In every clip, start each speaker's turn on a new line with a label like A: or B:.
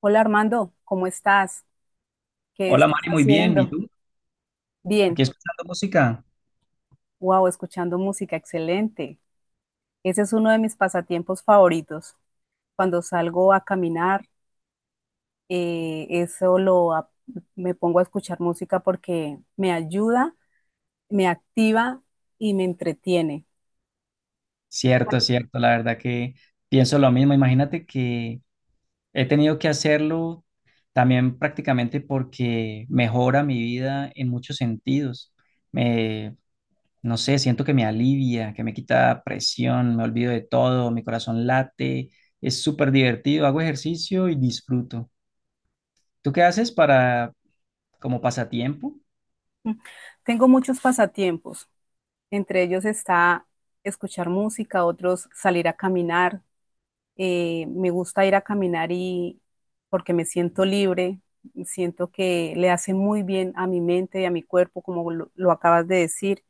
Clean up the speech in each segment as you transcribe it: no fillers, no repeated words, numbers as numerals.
A: Hola Armando, ¿cómo estás? ¿Qué
B: Hola
A: estás
B: Mari, muy bien. ¿Y
A: haciendo?
B: tú?
A: Bien,
B: ¿Aquí escuchando música?
A: wow, escuchando música, excelente. Ese es uno de mis pasatiempos favoritos. Cuando salgo a caminar, eh, eso lo ap- me pongo a escuchar música porque me ayuda, me activa y me entretiene.
B: Cierto, cierto. La verdad que pienso lo mismo. Imagínate que he tenido que hacerlo también prácticamente porque mejora mi vida en muchos sentidos. Me, no sé, siento que me alivia, que me quita presión, me olvido de todo, mi corazón late. Es súper divertido. Hago ejercicio y disfruto. ¿Tú qué haces para como pasatiempo?
A: Tengo muchos pasatiempos. Entre ellos está escuchar música, otros salir a caminar. Me gusta ir a caminar y porque me siento libre, siento que le hace muy bien a mi mente y a mi cuerpo, como lo acabas de decir.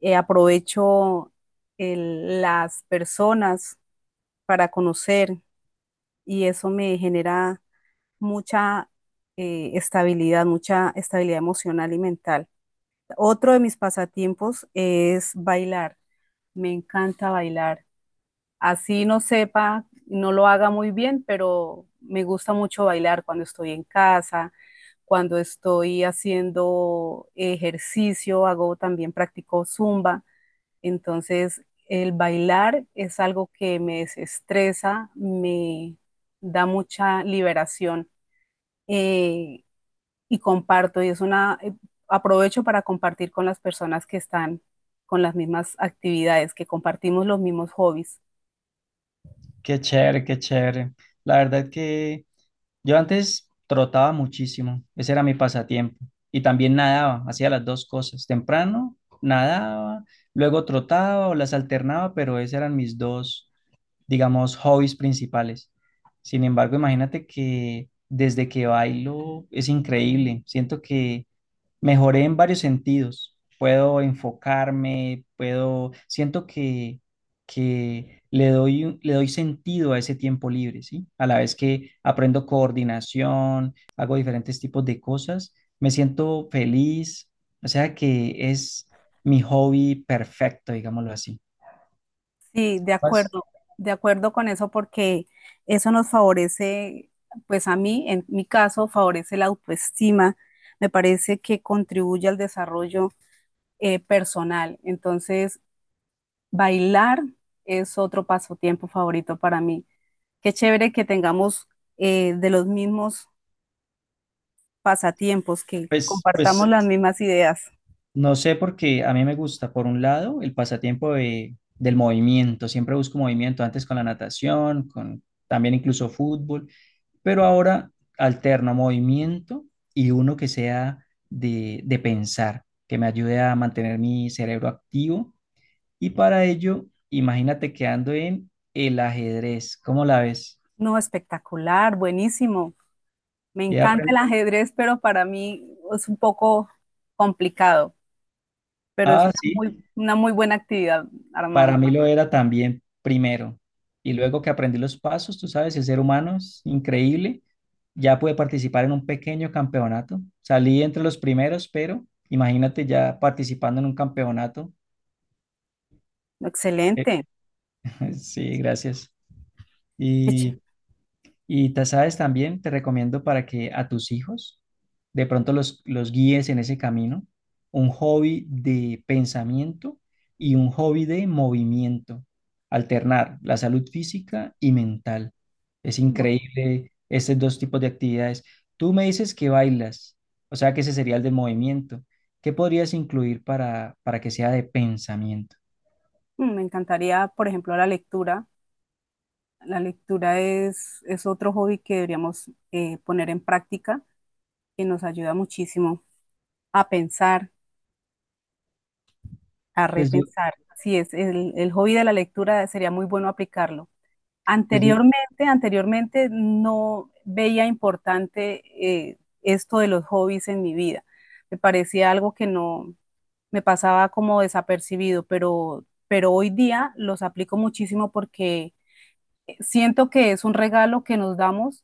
A: Aprovecho las personas para conocer y eso me genera mucha estabilidad, mucha estabilidad emocional y mental. Otro de mis pasatiempos es bailar. Me encanta bailar así no sepa, no lo haga muy bien, pero me gusta mucho bailar cuando estoy en casa, cuando estoy haciendo ejercicio, hago también practico zumba, entonces el bailar es algo que me desestresa, me da mucha liberación eh, y comparto y es una aprovecho para compartir con las personas que están con las mismas actividades, que compartimos los mismos hobbies.
B: Qué chévere, qué chévere. La verdad que ...yo antes trotaba muchísimo, ese era mi pasatiempo. Y también nadaba, hacía las dos cosas. Temprano nadaba, luego trotaba o las alternaba, pero esos eran mis dos, digamos, hobbies principales. Sin embargo, imagínate que desde que bailo es increíble. Siento que mejoré en varios sentidos. Puedo enfocarme, puedo, siento que le doy, le doy sentido a ese tiempo libre, ¿sí? A la vez que aprendo coordinación, hago diferentes tipos de cosas, me siento feliz, o sea que es mi hobby perfecto, digámoslo así.
A: Sí,
B: Pues,
A: de acuerdo con eso porque eso nos favorece, pues a mí, en mi caso, favorece la autoestima, me parece que contribuye al desarrollo personal. Entonces, bailar es otro pasatiempo favorito para mí. Qué chévere que tengamos de los mismos pasatiempos, que
B: pues,
A: compartamos
B: pues
A: las mismas ideas.
B: no sé, porque a mí me gusta, por un lado, el pasatiempo del movimiento. Siempre busco movimiento, antes con la natación, con también incluso fútbol, pero ahora alterno movimiento y uno que sea de pensar, que me ayude a mantener mi cerebro activo. Y para ello, imagínate que ando en el ajedrez. ¿Cómo la ves?
A: No, espectacular, buenísimo. Me
B: He
A: encanta el
B: apren-
A: ajedrez, pero para mí es un poco complicado, pero es
B: Ah,
A: una
B: sí.
A: una muy buena actividad,
B: Para
A: Armando.
B: mí lo era también primero. Y luego que aprendí los pasos, tú sabes, el ser humano es increíble. Ya pude participar en un pequeño campeonato. Salí entre los primeros, pero imagínate ya participando en un campeonato. Eh,
A: Excelente.
B: Sí, gracias.
A: Qué chévere.
B: Y sabes también, te recomiendo para que a tus hijos de pronto los guíes en ese camino, un hobby de pensamiento y un hobby de movimiento, alternar la salud física y mental. Es
A: Mm,
B: increíble estos dos tipos de actividades. Tú me dices que bailas, o sea que ese sería el del movimiento. ¿Qué podrías incluir para que sea de pensamiento?
A: Me encantaría, por ejemplo, la lectura. Es otro hobby que deberíamos poner en práctica, que nos ayuda muchísimo a pensar, a
B: Pues yo,
A: repensar. Sí, es el hobby de la lectura sería muy bueno aplicarlo.
B: pues yo,
A: Anteriormente, anteriormente no veía importante esto de los hobbies en mi vida. Me parecía algo que no, me pasaba como desapercibido, pero hoy día los aplico muchísimo porque siento que es un regalo que nos damos,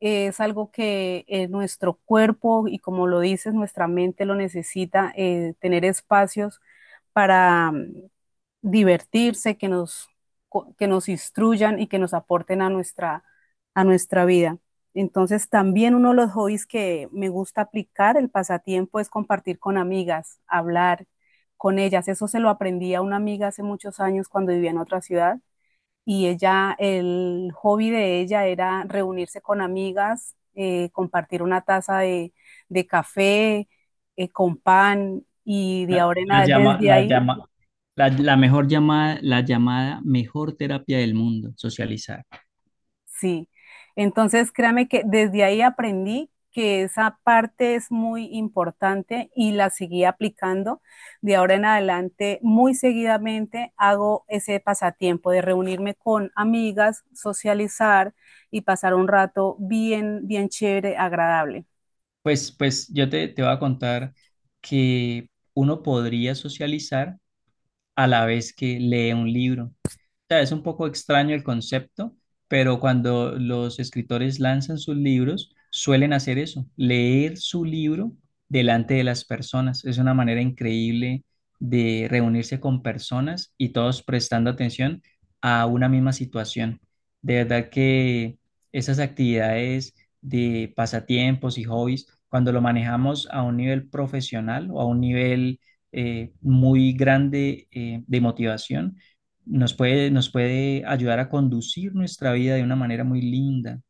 A: es algo que nuestro cuerpo y como lo dices, nuestra mente lo necesita, tener espacios para divertirse, que nos instruyan y que nos aporten a a nuestra vida. Entonces, también uno de los hobbies que me gusta aplicar, el pasatiempo, es compartir con amigas, hablar con ellas. Eso se lo aprendí a una amiga hace muchos años cuando vivía en otra ciudad y ella, el hobby de ella era reunirse con amigas, compartir una taza de café, con pan y
B: la,
A: de ahora en a- desde
B: la
A: ahí.
B: llama, la mejor llamada, la llamada mejor terapia del mundo, socializar.
A: Sí, entonces créame que desde ahí aprendí que esa parte es muy importante y la seguí aplicando. De ahora en adelante, muy seguidamente hago ese pasatiempo de reunirme con amigas, socializar y pasar un rato bien, bien chévere, agradable.
B: Pues, yo te voy a contar que uno podría socializar a la vez que lee un libro. Sea, es un poco extraño el concepto, pero cuando los escritores lanzan sus libros, suelen hacer eso, leer su libro delante de las personas. Es una manera increíble de reunirse con personas y todos prestando atención a una misma situación. De verdad que esas actividades de pasatiempos y hobbies, cuando lo manejamos a un nivel profesional o a un nivel muy grande de motivación, nos puede ayudar a conducir nuestra vida de una manera muy linda.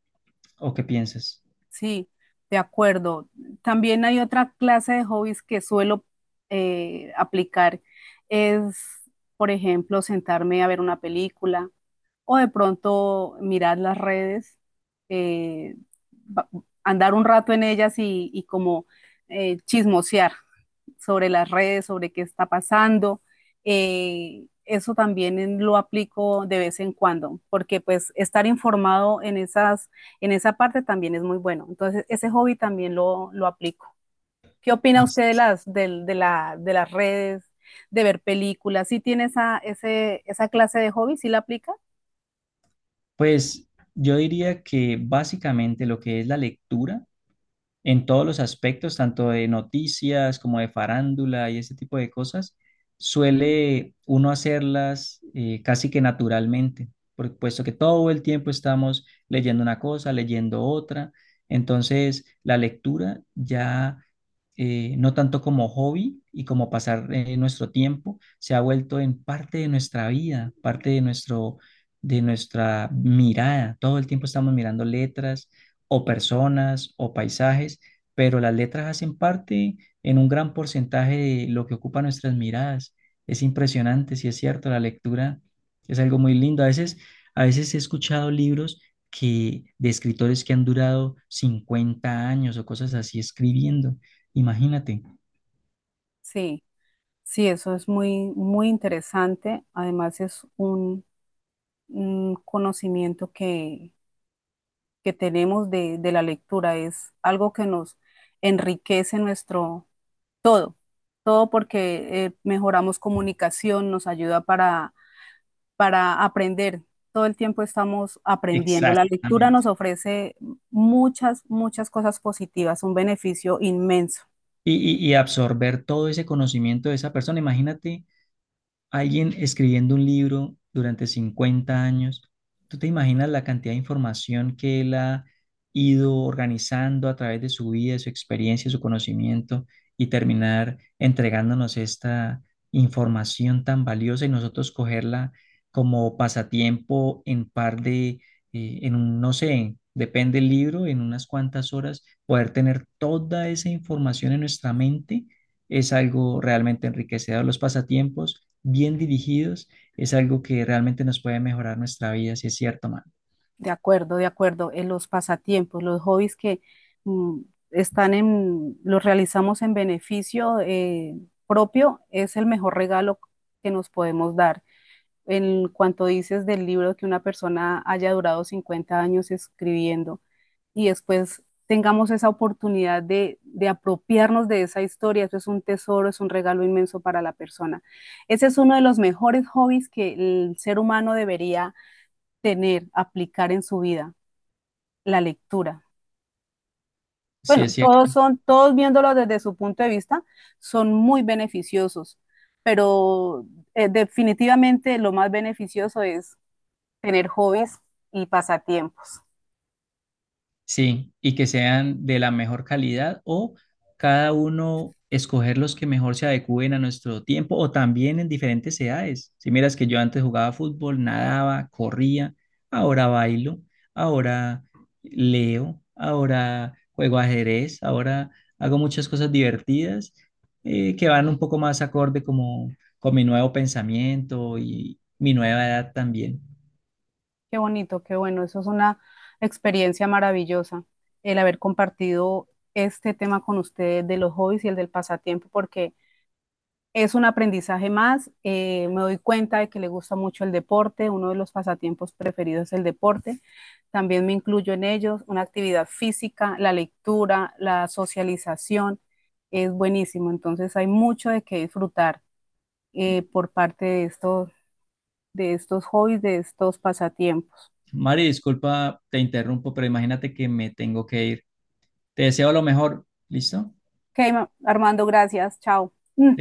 B: ¿O qué piensas?
A: Sí, de acuerdo. También hay otra clase de hobbies que suelo aplicar. Es, por ejemplo, sentarme a ver una película o de pronto mirar las redes, eh, ba- andar un rato en ellas y como chismosear sobre las redes, sobre qué está pasando. Eso también lo aplico de vez en cuando, porque pues estar informado en en esa parte también es muy bueno. Entonces, ese hobby también lo aplico. ¿Qué opina
B: Pues,
A: usted de de de las redes, de ver películas? ¿Sí tiene esa clase de hobby? ¿Sí la aplica?
B: Pues yo diría que básicamente lo que es la lectura en todos los aspectos, tanto de noticias como de farándula y ese tipo de cosas, suele uno hacerlas casi que naturalmente, puesto que todo el tiempo estamos leyendo una cosa, leyendo otra. Entonces, la lectura ya no tanto como hobby y como pasar nuestro tiempo, se ha vuelto en parte de nuestra vida, parte de nuestro, de nuestra mirada. Todo el tiempo estamos mirando letras o personas o paisajes, pero las letras hacen parte en un gran porcentaje de lo que ocupa nuestras miradas. Es impresionante, si es cierto, la lectura es algo muy lindo. A veces he escuchado libros que de escritores que han durado 50 años o cosas así escribiendo. Imagínate.
A: Sí. Sí, eso es muy, muy interesante. Además, es un conocimiento que tenemos de la lectura. Es algo que nos enriquece nuestro todo porque mejoramos comunicación, nos ayuda para aprender. Todo el tiempo estamos aprendiendo. La lectura nos
B: Exactamente.
A: ofrece muchas, muchas cosas positivas, un beneficio inmenso.
B: Y, y absorber todo ese conocimiento de esa persona. Imagínate alguien escribiendo un libro durante 50 años, ¿tú te imaginas la cantidad de información que él ha ido organizando a través de su vida, de su experiencia, de su conocimiento y terminar entregándonos esta información tan valiosa y nosotros cogerla como pasatiempo en par de, en un, no sé, depende del libro, en unas cuantas horas, poder tener toda esa información en nuestra mente? Es algo realmente enriquecedor. Los pasatiempos bien dirigidos, es algo que realmente nos puede mejorar nuestra vida, si es cierto, man.
A: De acuerdo, de acuerdo. En los pasatiempos, los hobbies que mm, los realizamos en beneficio propio, es el mejor regalo que nos podemos dar. En cuanto dices del libro que una persona haya durado 50 años escribiendo y después tengamos esa oportunidad de apropiarnos de esa historia, eso es un tesoro, es un regalo inmenso para la persona. Ese es uno de los mejores hobbies que el ser humano debería tener, aplicar en su vida la lectura.
B: Si
A: Bueno,
B: es cierto.
A: todos son, todos viéndolo desde su punto de vista, son muy beneficiosos, pero definitivamente lo más beneficioso es tener hobbies y pasatiempos.
B: Sí, y que sean de la mejor calidad o cada uno escoger los que mejor se adecúen a nuestro tiempo o también en diferentes edades. Si miras que yo antes jugaba fútbol, nadaba, corría, ahora bailo, ahora leo, ahora juego ajedrez, ahora hago muchas cosas divertidas que van un poco más acorde como con mi nuevo pensamiento y mi nueva edad también.
A: Qué bonito, qué bueno, eso es una experiencia maravillosa, el haber compartido este tema con ustedes de los hobbies y el del pasatiempo, porque es un aprendizaje más. Me doy cuenta de que le gusta mucho el deporte. Uno de los pasatiempos preferidos es el deporte. También me incluyo en ellos. Una actividad física, la lectura, la socialización. Es buenísimo. Entonces hay mucho de qué disfrutar por parte de de estos hobbies, de estos pasatiempos.
B: Mari, disculpa, te interrumpo, pero imagínate que me tengo que ir. Te deseo lo mejor. ¿Listo?
A: Ok, Armando, gracias. Chao. Mm.